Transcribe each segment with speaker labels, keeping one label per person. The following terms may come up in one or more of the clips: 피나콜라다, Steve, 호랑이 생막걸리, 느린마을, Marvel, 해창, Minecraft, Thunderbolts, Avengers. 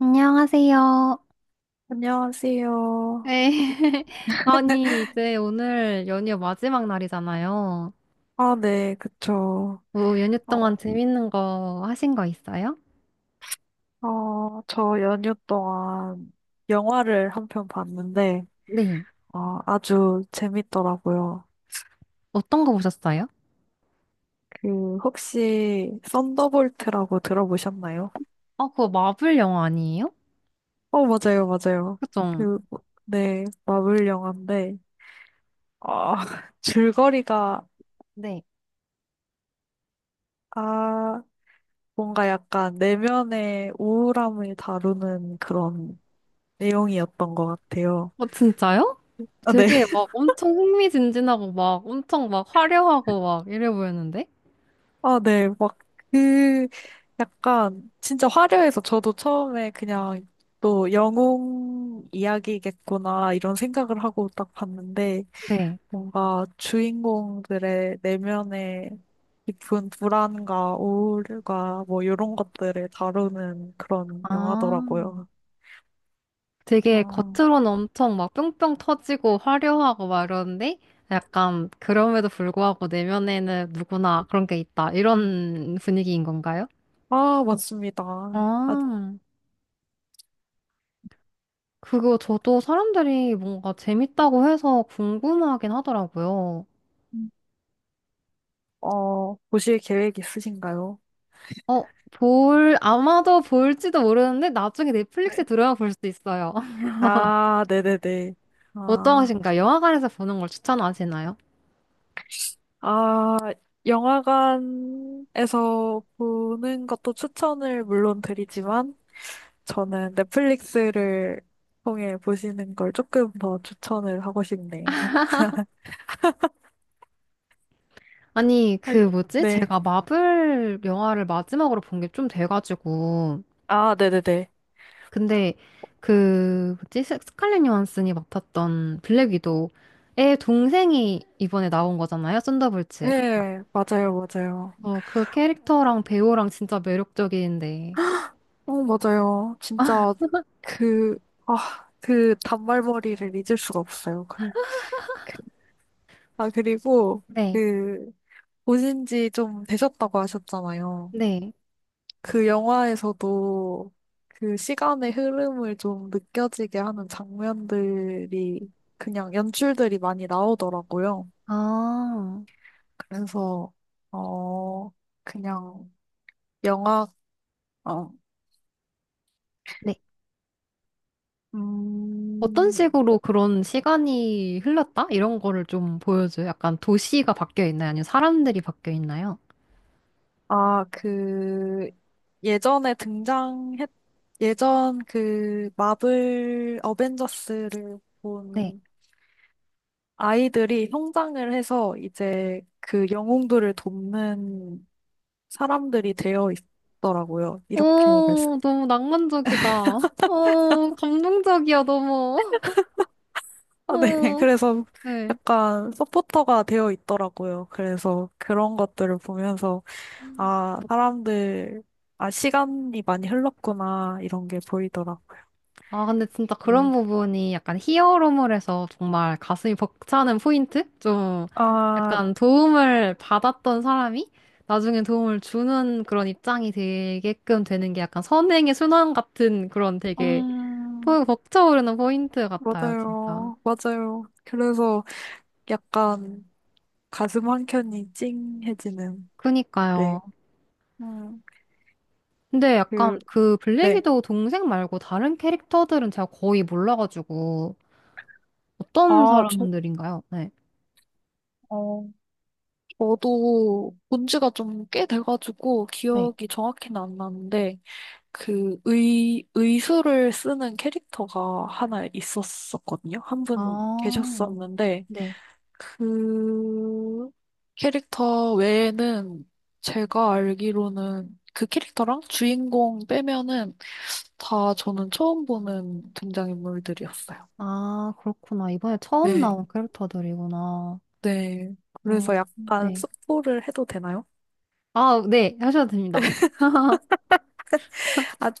Speaker 1: 안녕하세요.
Speaker 2: 안녕하세요.
Speaker 1: 네. 아니, 이제 오늘 연휴 마지막 날이잖아요.
Speaker 2: 아, 네, 그쵸.
Speaker 1: 연휴
Speaker 2: 어,
Speaker 1: 동안 재밌는 거 하신 거 있어요?
Speaker 2: 저 연휴 동안 영화를 한 편 봤는데,
Speaker 1: 네.
Speaker 2: 아주 재밌더라고요.
Speaker 1: 어떤 거 보셨어요?
Speaker 2: 그, 혹시, 썬더볼트라고 들어보셨나요?
Speaker 1: 아, 그거 마블 영화 아니에요?
Speaker 2: 어, 맞아요, 맞아요.
Speaker 1: 그죠?
Speaker 2: 그, 네, 마블 영화인데, 아, 줄거리가,
Speaker 1: 네.
Speaker 2: 아, 뭔가 약간 내면의 우울함을 다루는 그런 내용이었던 것 같아요.
Speaker 1: 어, 진짜요?
Speaker 2: 아, 네.
Speaker 1: 되게 엄청 흥미진진하고 엄청 화려하고 이래 보였는데?
Speaker 2: 아, 네. 막, 그, 약간, 진짜 화려해서 저도 처음에 그냥 또 영웅 이야기겠구나, 이런 생각을 하고 딱 봤는데,
Speaker 1: 네.
Speaker 2: 뭔가 주인공들의 내면의 깊은 불안과 우울과 뭐, 이런 것들을 다루는 그런
Speaker 1: 아.
Speaker 2: 영화더라고요.
Speaker 1: 되게
Speaker 2: 아,
Speaker 1: 겉으로는 엄청 뿅뿅 터지고 화려하고 이러는데 약간 그럼에도 불구하고 내면에는 누구나 그런 게 있다. 이런 분위기인 건가요?
Speaker 2: 아, 맞습니다. 아,
Speaker 1: 아, 그거 저도 사람들이 뭔가 재밌다고 해서 궁금하긴 하더라고요.
Speaker 2: 음, 어, 보실 계획 있으신가요?
Speaker 1: 아마도 볼지도 모르는데 나중에 넷플릭스에
Speaker 2: 네.
Speaker 1: 들어야 볼 수 있어요.
Speaker 2: 아, 네네네. 아.
Speaker 1: 어떠하신가요? 영화관에서 보는 걸 추천하시나요?
Speaker 2: 아, 영화관에서 보는 것도 추천을 물론 드리지만, 저는 넷플릭스를 통해 보시는 걸 조금 더 추천을 하고 싶네요.
Speaker 1: 아니, 그
Speaker 2: 아,
Speaker 1: 뭐지?
Speaker 2: 네.
Speaker 1: 제가 마블 영화를 마지막으로 본 게 좀 돼가지고,
Speaker 2: 아, 네네네.
Speaker 1: 근데 스칼렛 요한슨이 맡았던 블랙 위도우의 동생이 이번에 나온 거잖아요. 썬더볼츠.
Speaker 2: 네, 맞아요, 맞아요.
Speaker 1: 어, 그 캐릭터랑 배우랑 진짜 매력적인데.
Speaker 2: 어, 맞아요. 진짜 그, 아, 그 단발머리를 잊을 수가 없어요. 그, 아, 그리고
Speaker 1: 네.
Speaker 2: 그, 보신 지 좀 되셨다고 하셨잖아요.
Speaker 1: 네.
Speaker 2: 그 영화에서도 그 시간의 흐름을 좀 느껴지게 하는 장면들이 그냥 연출들이 많이 나오더라고요.
Speaker 1: 아.
Speaker 2: 그래서 어 그냥 영화 어
Speaker 1: 네. 어떤
Speaker 2: 음,
Speaker 1: 식으로 그런 시간이 흘렀다? 이런 거를 좀 보여줘요. 약간 도시가 바뀌어 있나요? 아니면 사람들이 바뀌어 있나요?
Speaker 2: 아, 그 예전에 등장했 예전 그 마블 어벤져스를
Speaker 1: 네.
Speaker 2: 본 아이들이 성장을 해서 이제 그 영웅들을 돕는 사람들이 되어 있더라고요. 이렇게 말씀.
Speaker 1: 오, 너무 낭만적이다. 오, 감동적이야, 너무.
Speaker 2: 아, 네.
Speaker 1: 오,
Speaker 2: 그래서
Speaker 1: 네.
Speaker 2: 약간 서포터가 되어 있더라고요. 그래서 그런 것들을 보면서, 아, 사람들, 아, 시간이 많이 흘렀구나, 이런 게 보이더라고요.
Speaker 1: 아, 근데 진짜
Speaker 2: 네.
Speaker 1: 그런 부분이 약간 히어로물에서 정말 가슴이 벅차는 포인트? 좀
Speaker 2: 아,
Speaker 1: 약간 도움을 받았던 사람이 나중에 도움을 주는 그런 입장이 되게끔 되는 게 약간 선행의 순환 같은 그런 되게
Speaker 2: 음,
Speaker 1: 벅차오르는 포인트 같아요, 진짜.
Speaker 2: 맞아요. 맞아요. 그래서 약간 가슴 한 켠이 찡해지는, 네.
Speaker 1: 그니까요.
Speaker 2: 음,
Speaker 1: 근데 약간
Speaker 2: 그,
Speaker 1: 그
Speaker 2: 네.
Speaker 1: 블랙이도 동생 말고 다른 캐릭터들은 제가 거의 몰라가지고 어떤
Speaker 2: 아, 저,
Speaker 1: 사람들인가요? 네.
Speaker 2: 어, 저도 본 지가 좀 꽤 돼가지고
Speaker 1: 네.
Speaker 2: 기억이 정확히는 안 나는데 그 의수를 쓰는 캐릭터가 하나 있었었거든요. 한 분
Speaker 1: 아,
Speaker 2: 계셨었는데
Speaker 1: 네.
Speaker 2: 그 캐릭터 외에는 제가 알기로는 그 캐릭터랑 주인공 빼면은 다 저는 처음 보는 등장인물들이었어요.
Speaker 1: 아, 그렇구나. 이번에 처음
Speaker 2: 네,
Speaker 1: 나온 캐릭터들이구나.
Speaker 2: 네. 그래서
Speaker 1: 어,
Speaker 2: 약간
Speaker 1: 네.
Speaker 2: 스포를 해도 되나요?
Speaker 1: 아, 네. 하셔도 됩니다.
Speaker 2: 아,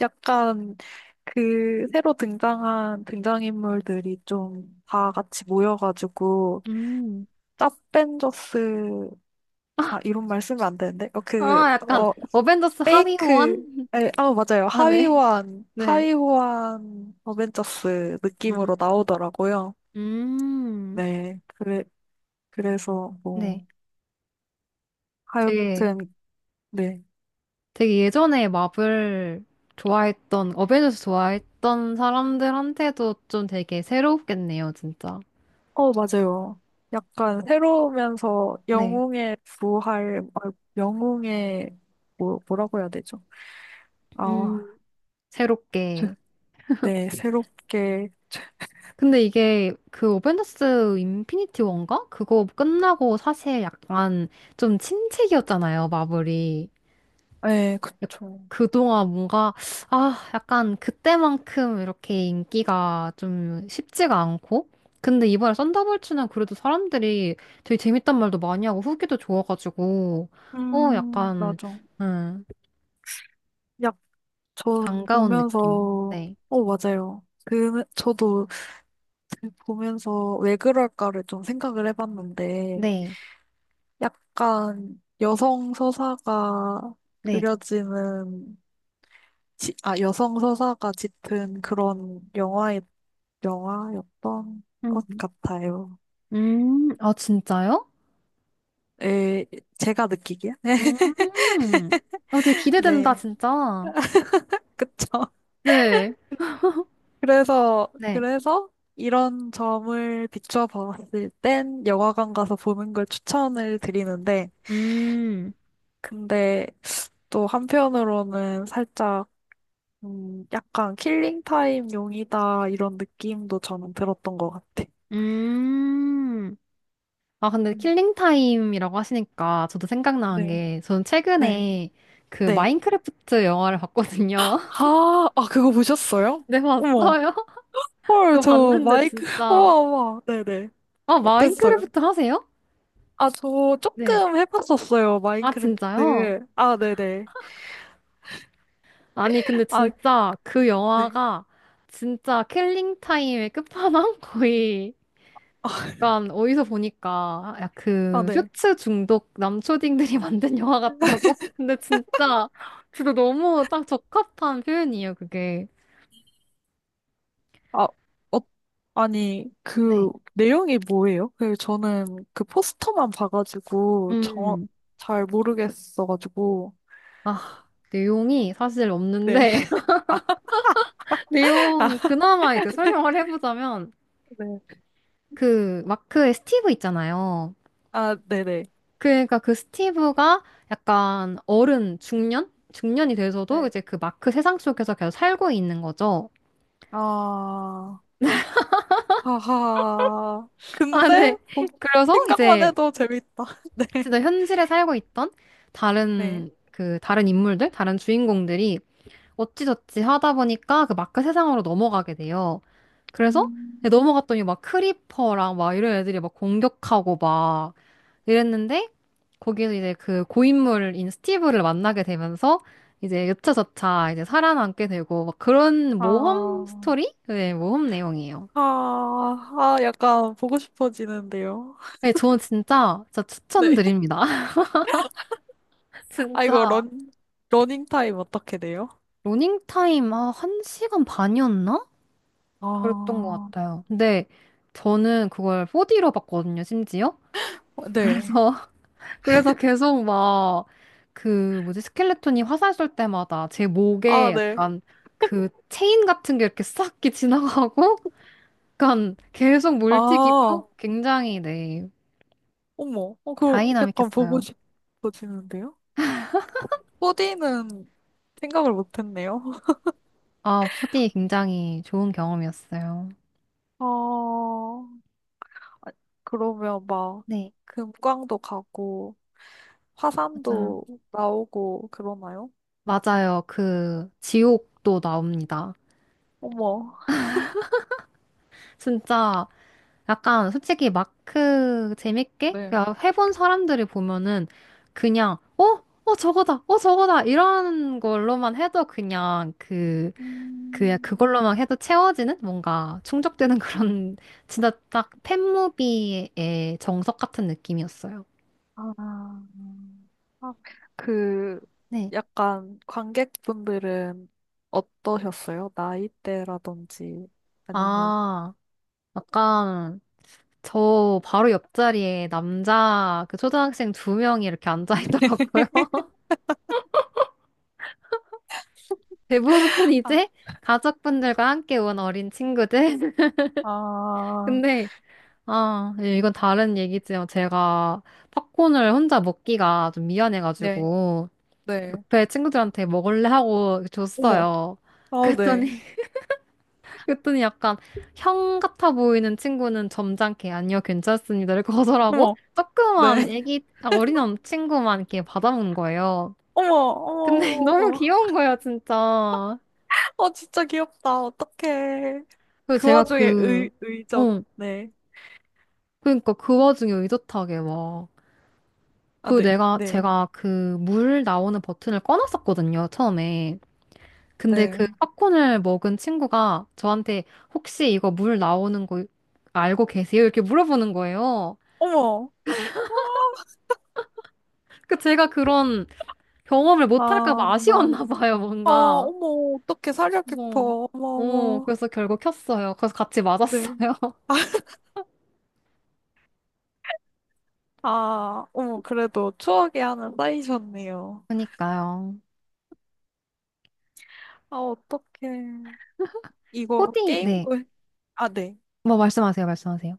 Speaker 2: 약간 그 새로 등장한 등장인물들이 좀 다 같이 모여가지고
Speaker 1: 음.
Speaker 2: 짭벤져스 아 이런 말 쓰면 안 되는데
Speaker 1: 아, 약간 어벤져스 하위
Speaker 2: 페이크
Speaker 1: 호환?
Speaker 2: 에, 아 맞아요
Speaker 1: 아, 네.
Speaker 2: 하위호환
Speaker 1: 네.
Speaker 2: 하위호환 어벤져스
Speaker 1: 음.
Speaker 2: 느낌으로 나오더라고요.
Speaker 1: 음.
Speaker 2: 네 그래 그래서 뭐
Speaker 1: 네. 되게
Speaker 2: 하여튼 네
Speaker 1: 예전에 마블 좋아했던 어벤져스 좋아했던 사람들한테도 좀 되게 새롭겠네요, 진짜.
Speaker 2: 어, 맞아요. 약간 새로우면서
Speaker 1: 네.
Speaker 2: 영웅의 부활, 아, 영웅의, 뭐, 뭐라고 해야 되죠?
Speaker 1: 음.
Speaker 2: 아, 그-
Speaker 1: 새롭게
Speaker 2: 네, 새롭게,
Speaker 1: 근데 이게 그 어벤져스 인피니티 원가? 그거 끝나고 사실 약간 좀 침체기였잖아요, 마블이.
Speaker 2: 네, 그쵸.
Speaker 1: 그동안 뭔가, 아, 약간 그때만큼 이렇게 인기가 좀 쉽지가 않고. 근데 이번에 썬더볼츠는 그래도 사람들이 되게 재밌단 말도 많이 하고 후기도 좋아가지고, 어, 약간,
Speaker 2: 맞아.
Speaker 1: 음,
Speaker 2: 약, 저
Speaker 1: 반가운
Speaker 2: 보면서,
Speaker 1: 느낌. 네.
Speaker 2: 어, 맞아요. 그, 저도 보면서 왜 그럴까를 좀 생각을 해봤는데,
Speaker 1: 네.
Speaker 2: 약간 여성 서사가
Speaker 1: 네.
Speaker 2: 그려지는, 지- 아, 여성 서사가 짙은 그런 영화에 영화였던 것
Speaker 1: 음,
Speaker 2: 같아요.
Speaker 1: 아, 진짜요?
Speaker 2: 에, 제가 느끼기에.
Speaker 1: 음. 어, 되게 기대된다,
Speaker 2: 네,
Speaker 1: 진짜.
Speaker 2: 그쵸.
Speaker 1: 네.
Speaker 2: 그래서,
Speaker 1: 네.
Speaker 2: 그래서 이런 점을 비추어 봤을 땐 영화관 가서 보는 걸 추천을 드리는데,
Speaker 1: 음.
Speaker 2: 근데 또 한편으로는 살짝, 약간 킬링 타임 용이다, 이런 느낌도 저는 들었던 것 같아.
Speaker 1: 음. 아, 근데
Speaker 2: 음,
Speaker 1: 킬링 타임이라고 하시니까 저도 생각나는
Speaker 2: 네,
Speaker 1: 게 저는
Speaker 2: 네,
Speaker 1: 최근에 그
Speaker 2: 네.
Speaker 1: 마인크래프트 영화를 봤거든요.
Speaker 2: 아, 아, 그거 보셨어요?
Speaker 1: 네,
Speaker 2: 어머.
Speaker 1: 봤어요?
Speaker 2: 헐,
Speaker 1: 그거
Speaker 2: 저
Speaker 1: 봤는데
Speaker 2: 마이크,
Speaker 1: 진짜.
Speaker 2: 우와, 우와. 네네.
Speaker 1: 아,
Speaker 2: 어땠어요?
Speaker 1: 마인크래프트 하세요?
Speaker 2: 아, 저
Speaker 1: 네.
Speaker 2: 조금 해봤었어요.
Speaker 1: 아, 진짜요?
Speaker 2: 마인크래프트. 아, 네네.
Speaker 1: 아니, 근데
Speaker 2: 아,
Speaker 1: 진짜 그
Speaker 2: 네.
Speaker 1: 영화가 진짜 킬링 타임의 끝판왕? 거의
Speaker 2: 아,
Speaker 1: 약간 어디서 보니까
Speaker 2: 아,
Speaker 1: 그
Speaker 2: 네.
Speaker 1: 쇼츠 중독 남초딩들이 만든 영화 같다고? 근데 진짜 너무 딱 적합한 표현이에요, 그게.
Speaker 2: 아, 어, 아니, 그
Speaker 1: 네.
Speaker 2: 내용이 뭐예요? 그 저는 그 포스터만 봐가지고 정,
Speaker 1: 음.
Speaker 2: 잘 모르겠어가지고.
Speaker 1: 아, 내용이 사실
Speaker 2: 네.
Speaker 1: 없는데
Speaker 2: 아,
Speaker 1: 내용 그나마 이제 설명을 해보자면
Speaker 2: 네.
Speaker 1: 그 마크의 스티브 있잖아요.
Speaker 2: 아, 네네.
Speaker 1: 그러니까 그 스티브가 약간 어른 중년? 중년이 돼서도
Speaker 2: 네.
Speaker 1: 이제 그 마크 세상 속에서 계속 살고 있는 거죠.
Speaker 2: 아, 하하.
Speaker 1: 아,
Speaker 2: 근데
Speaker 1: 네.
Speaker 2: 뭐,
Speaker 1: 그래서
Speaker 2: 생각만
Speaker 1: 이제
Speaker 2: 해도 재밌다. 네.
Speaker 1: 진짜 현실에 살고 있던
Speaker 2: 네.
Speaker 1: 다른 인물들, 다른 주인공들이 어찌저찌 하다 보니까 그 마크 세상으로 넘어가게 돼요. 그래서
Speaker 2: 음,
Speaker 1: 네, 넘어갔더니 막 크리퍼랑 이런 애들이 막 공격하고 막 이랬는데 거기에서 이제 그 고인물인 스티브를 만나게 되면서 이제 여차저차 이제 살아남게 되고 막 그런 모험
Speaker 2: 아.
Speaker 1: 스토리? 네, 모험 내용이에요.
Speaker 2: 아, 아, 약간 보고 싶어지는데요.
Speaker 1: 네, 저는 진짜
Speaker 2: 네.
Speaker 1: 추천드립니다.
Speaker 2: 아, 이거
Speaker 1: 진짜.
Speaker 2: 런, 러닝 타임 어떻게 돼요?
Speaker 1: 러닝타임, 아, 한 시간 반이었나? 그랬던 것
Speaker 2: 아,
Speaker 1: 같아요. 근데 저는 그걸 4D로 봤거든요, 심지어.
Speaker 2: 네.
Speaker 1: 그래서, 그래서 계속 막, 그, 뭐지, 스켈레톤이 화살 쏠 때마다 제
Speaker 2: 아,
Speaker 1: 목에
Speaker 2: 네.
Speaker 1: 약간 그 체인 같은 게 이렇게 싹 이렇게 지나가고, 약간 계속
Speaker 2: 아,
Speaker 1: 물튀기고, 굉장히, 네,
Speaker 2: 어머. 어, 그 약간 보고
Speaker 1: 다이나믹했어요.
Speaker 2: 싶어지는데요? 코디는 생각을 못했네요.
Speaker 1: 아, 4D 굉장히 좋은 경험이었어요.
Speaker 2: 어, 아, 그러면 막
Speaker 1: 네,
Speaker 2: 금광도 가고
Speaker 1: 맞아요.
Speaker 2: 화산도 나오고 그러나요?
Speaker 1: 맞아요. 그, 지옥도 나옵니다.
Speaker 2: 어머.
Speaker 1: 진짜 약간 솔직히 마크 재밌게
Speaker 2: 네.
Speaker 1: 그냥 해본 사람들이 보면은 그냥 어? 어 저거다. 어 저거다. 이런 걸로만 해도 그냥 그 그
Speaker 2: 음.
Speaker 1: 그걸로만 해도 채워지는 뭔가 충족되는 그런 진짜 딱 팬무비의 정석 같은 느낌이었어요.
Speaker 2: 아, 아, 그,
Speaker 1: 네.
Speaker 2: 약간 관객분들은 어떠셨어요? 나이대라든지 아니면,
Speaker 1: 아, 약간 저 바로 옆자리에 남자 그 초등학생 두 명이 이렇게 앉아 있더라고요. 대부분
Speaker 2: 아,
Speaker 1: 이제 가족분들과 함께 온 어린 친구들.
Speaker 2: 아,
Speaker 1: 근데, 아, 예, 이건 다른 얘기지만 제가 팝콘을 혼자 먹기가 좀
Speaker 2: 네,
Speaker 1: 미안해가지고
Speaker 2: 네.
Speaker 1: 옆에 친구들한테 먹을래 하고
Speaker 2: 어머,
Speaker 1: 줬어요.
Speaker 2: 아,
Speaker 1: 그랬더니,
Speaker 2: 네.
Speaker 1: 그랬더니 약간 형 같아 보이는 친구는 점잖게 아니요, 괜찮습니다를 거절하고
Speaker 2: 어머,
Speaker 1: 조그만
Speaker 2: 네.
Speaker 1: 애기, 아, 어린 친구만 이렇게 받아먹는 거예요.
Speaker 2: 어머,
Speaker 1: 근데
Speaker 2: 어머, 어머,
Speaker 1: 너무
Speaker 2: 어머.
Speaker 1: 귀여운 거예요, 진짜.
Speaker 2: 어, 진짜 귀엽다. 어떡해.
Speaker 1: 그래서
Speaker 2: 그
Speaker 1: 제가
Speaker 2: 와중에
Speaker 1: 그,
Speaker 2: 의젓.
Speaker 1: 어,
Speaker 2: 네.
Speaker 1: 그러니까 그 와중에 의젓하게 막,
Speaker 2: 아, 네, 네,
Speaker 1: 제가 그 물 나오는 버튼을 꺼놨었거든요, 처음에. 근데 그
Speaker 2: 네.
Speaker 1: 팝콘을 먹은 친구가 저한테 혹시 이거 물 나오는 거 알고 계세요? 이렇게 물어보는 거예요.
Speaker 2: 어머.
Speaker 1: 그 제가 그런 경험을 못할까
Speaker 2: 아,
Speaker 1: 봐 아쉬웠나 봐요,
Speaker 2: 아,
Speaker 1: 뭔가.
Speaker 2: 어머, 어떻게 살려
Speaker 1: 어,
Speaker 2: 깊어. 어머, 어머.
Speaker 1: 그래서 결국 켰어요. 그래서 같이
Speaker 2: 네.
Speaker 1: 맞았어요.
Speaker 2: 아, 아, 어머, 그래도 추억이 하나 쌓이셨네요.
Speaker 1: 그니까요.
Speaker 2: 아, 어떡해.
Speaker 1: 포
Speaker 2: 이거
Speaker 1: 디 네.
Speaker 2: 게임도, 해- 아, 네.
Speaker 1: 뭐 말씀하세요, 말씀하세요.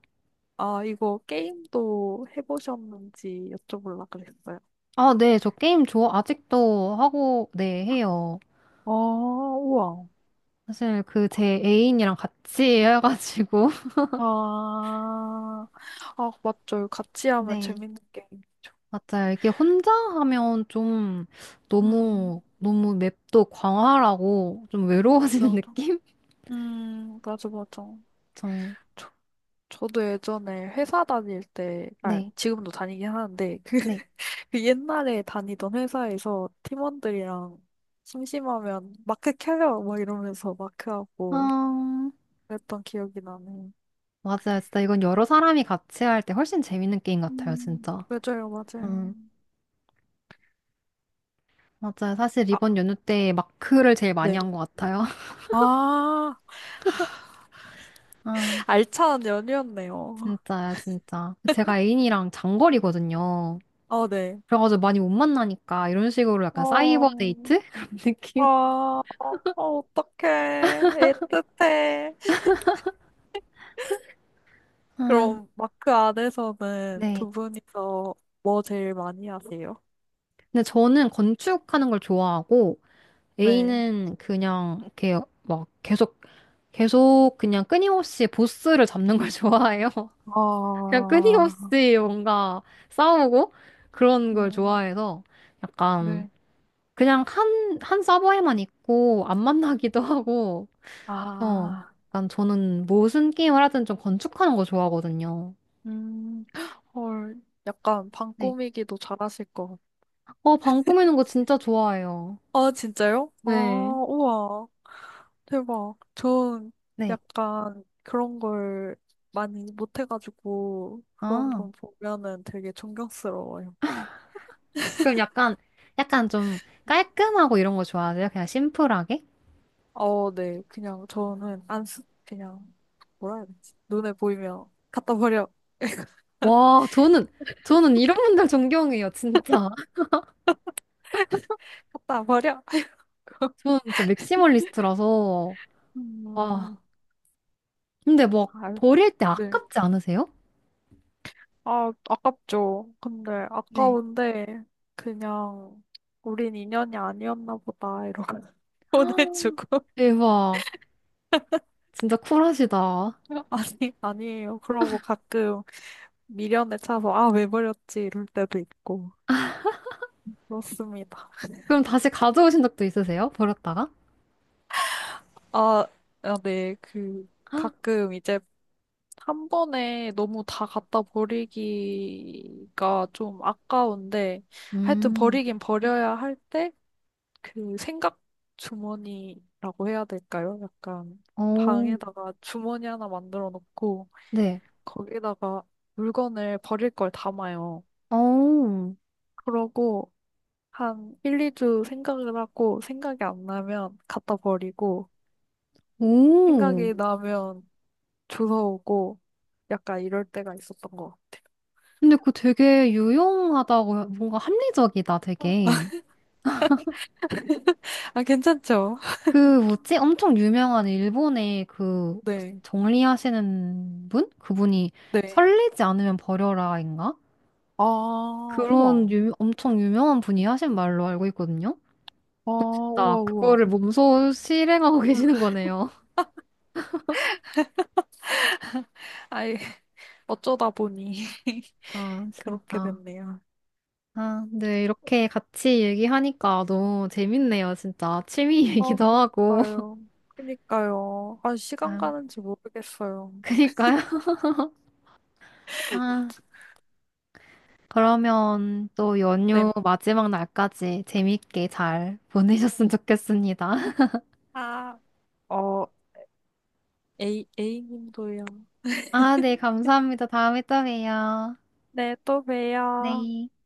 Speaker 2: 아, 이거 게임도 해보셨는지 여쭤보려고 그랬어요.
Speaker 1: 저 게임 좋아, 아직도 하고, 네, 해요.
Speaker 2: 아, 우와.
Speaker 1: 사실 그 제 애인이랑 같이 해가지고
Speaker 2: 아, 아, 맞죠. 같이 하면
Speaker 1: 네.
Speaker 2: 재밌는 게임.
Speaker 1: 맞아요. 이게 혼자 하면 좀
Speaker 2: 음,
Speaker 1: 너무 너무 맵도 광활하고 좀 외로워지는
Speaker 2: 맞아.
Speaker 1: 느낌?
Speaker 2: 맞아, 맞아.
Speaker 1: 저
Speaker 2: 저도 예전에 회사 다닐 때, 아,
Speaker 1: 네.
Speaker 2: 지금도 다니긴 하는데, 그,
Speaker 1: 네.
Speaker 2: 그 옛날에 다니던 회사에서 팀원들이랑 심심하면 마크 켜요! 막 이러면서 마크하고
Speaker 1: 아,
Speaker 2: 그랬던 기억이 나네요.
Speaker 1: 맞아요. 진짜 이건 여러 사람이 같이 할 때 훨씬 재밌는 게임 같아요, 진짜.
Speaker 2: 맞아요, 맞아요.
Speaker 1: 음, 맞아요. 사실
Speaker 2: 아,
Speaker 1: 이번 연휴 때 마크를 제일 많이
Speaker 2: 네.
Speaker 1: 한 것 같아요.
Speaker 2: 아,
Speaker 1: 아,
Speaker 2: 알찬 연휴였네요.
Speaker 1: 진짜요, 진짜. 제가 애인이랑 장거리거든요.
Speaker 2: 아, 네.
Speaker 1: 그래가지고 많이 못 만나니까 이런 식으로 약간
Speaker 2: 어,
Speaker 1: 사이버 데이트? 그런
Speaker 2: 아,
Speaker 1: 느낌?
Speaker 2: 어, 어떡해. 애틋해.
Speaker 1: 아,
Speaker 2: 그럼 마크 안에서는
Speaker 1: 네.
Speaker 2: 두 분이서 뭐 제일 많이 하세요?
Speaker 1: 근데 저는 건축하는 걸 좋아하고
Speaker 2: 네.
Speaker 1: A는 그냥 이렇게 막 계속 그냥 끊임없이 보스를 잡는 걸 좋아해요. 그냥
Speaker 2: 아,
Speaker 1: 끊임없이 뭔가 싸우고 그런 걸
Speaker 2: 음,
Speaker 1: 좋아해서 약간
Speaker 2: 네.
Speaker 1: 그냥 한 서버에만 있고 안 만나기도 하고 어,
Speaker 2: 아,
Speaker 1: 약간 저는 무슨 게임을 하든 좀 건축하는 거 좋아하거든요.
Speaker 2: 음, 헐, 약간 방꾸미기도 잘하실 것 같아요.
Speaker 1: 어, 방 꾸미는 거 진짜 좋아해요.
Speaker 2: 아, 진짜요? 아,
Speaker 1: 네.
Speaker 2: 우와, 대박. 전
Speaker 1: 네.
Speaker 2: 약간 그런 걸 많이 못해가지고 그런
Speaker 1: 아,
Speaker 2: 분 보면은 되게 존경스러워요.
Speaker 1: 그럼 약간, 좀 깔끔하고 이런 거 좋아하세요? 그냥 심플하게?
Speaker 2: 어, 네. 그냥 저는 안 쓰, 그냥 뭐라 해야 되지? 눈에 보이면 갖다 버려.
Speaker 1: 와, 저는, 저는 이런 분들 존경해요, 진짜.
Speaker 2: 갖다 버려.
Speaker 1: 저는 진짜 맥시멀리스트라서. 아,
Speaker 2: 음,
Speaker 1: 근데 막
Speaker 2: 아,
Speaker 1: 버릴 때
Speaker 2: 네.
Speaker 1: 아깝지 않으세요?
Speaker 2: 아, 아깝죠. 근데
Speaker 1: 네.
Speaker 2: 아까운데 그냥 우린 인연이 아니었나 보다 이러고 보내주고.
Speaker 1: 대박. 진짜 쿨하시다.
Speaker 2: 아니 아니에요. 그러고 가끔 미련에 차서 아, 왜 버렸지 이럴 때도 있고 그렇습니다.
Speaker 1: 그럼 다시 가져오신 적도 있으세요? 버렸다가?
Speaker 2: 아, 아, 네. 그
Speaker 1: 헉,
Speaker 2: 가끔 이제 한 번에 너무 다 갖다 버리기가 좀 아까운데, 하여튼
Speaker 1: 음,
Speaker 2: 버리긴 버려야 할 때, 그 생각 주머니라고 해야 될까요? 약간
Speaker 1: 오,
Speaker 2: 방에다가 주머니 하나 만들어 놓고,
Speaker 1: 네.
Speaker 2: 거기다가 물건을 버릴 걸 담아요.
Speaker 1: 오,
Speaker 2: 그러고, 한 1, 2주 생각을 하고, 생각이 안 나면 갖다 버리고,
Speaker 1: 오.
Speaker 2: 생각이 나면 주워 오고, 약간 이럴 때가 있었던 것 같아요.
Speaker 1: 근데 그거 되게 유용하다고, 뭔가 합리적이다, 되게.
Speaker 2: 아, 괜찮죠?
Speaker 1: 그, 뭐지? 엄청 유명한 일본의 그,
Speaker 2: 네.
Speaker 1: 정리하시는 분? 그분이
Speaker 2: 네.
Speaker 1: 설레지 않으면 버려라인가?
Speaker 2: 아, 우와.
Speaker 1: 엄청 유명한 분이 하신 말로 알고 있거든요?
Speaker 2: 아,
Speaker 1: 나
Speaker 2: 우와, 우와.
Speaker 1: 그거를 몸소 실행하고 계시는 거네요.
Speaker 2: 아이, 어쩌다 보니
Speaker 1: 아,
Speaker 2: 그렇게
Speaker 1: 진짜.
Speaker 2: 됐네요.
Speaker 1: 아, 네, 이렇게 같이 얘기하니까 너무 재밌네요, 진짜. 취미
Speaker 2: 아,
Speaker 1: 얘기도 하고.
Speaker 2: 그니까요. 그니까요. 아, 시간
Speaker 1: 아유,
Speaker 2: 가는지 모르겠어요.
Speaker 1: 그니까요. 아. 그러면 또
Speaker 2: 네.
Speaker 1: 연휴 마지막 날까지 재밌게 잘 보내셨으면 좋겠습니다.
Speaker 2: 아, 어, A, A님도요.
Speaker 1: 아, 네, 감사합니다. 다음에 또 봬요.
Speaker 2: 네, 또 봬요.
Speaker 1: 네.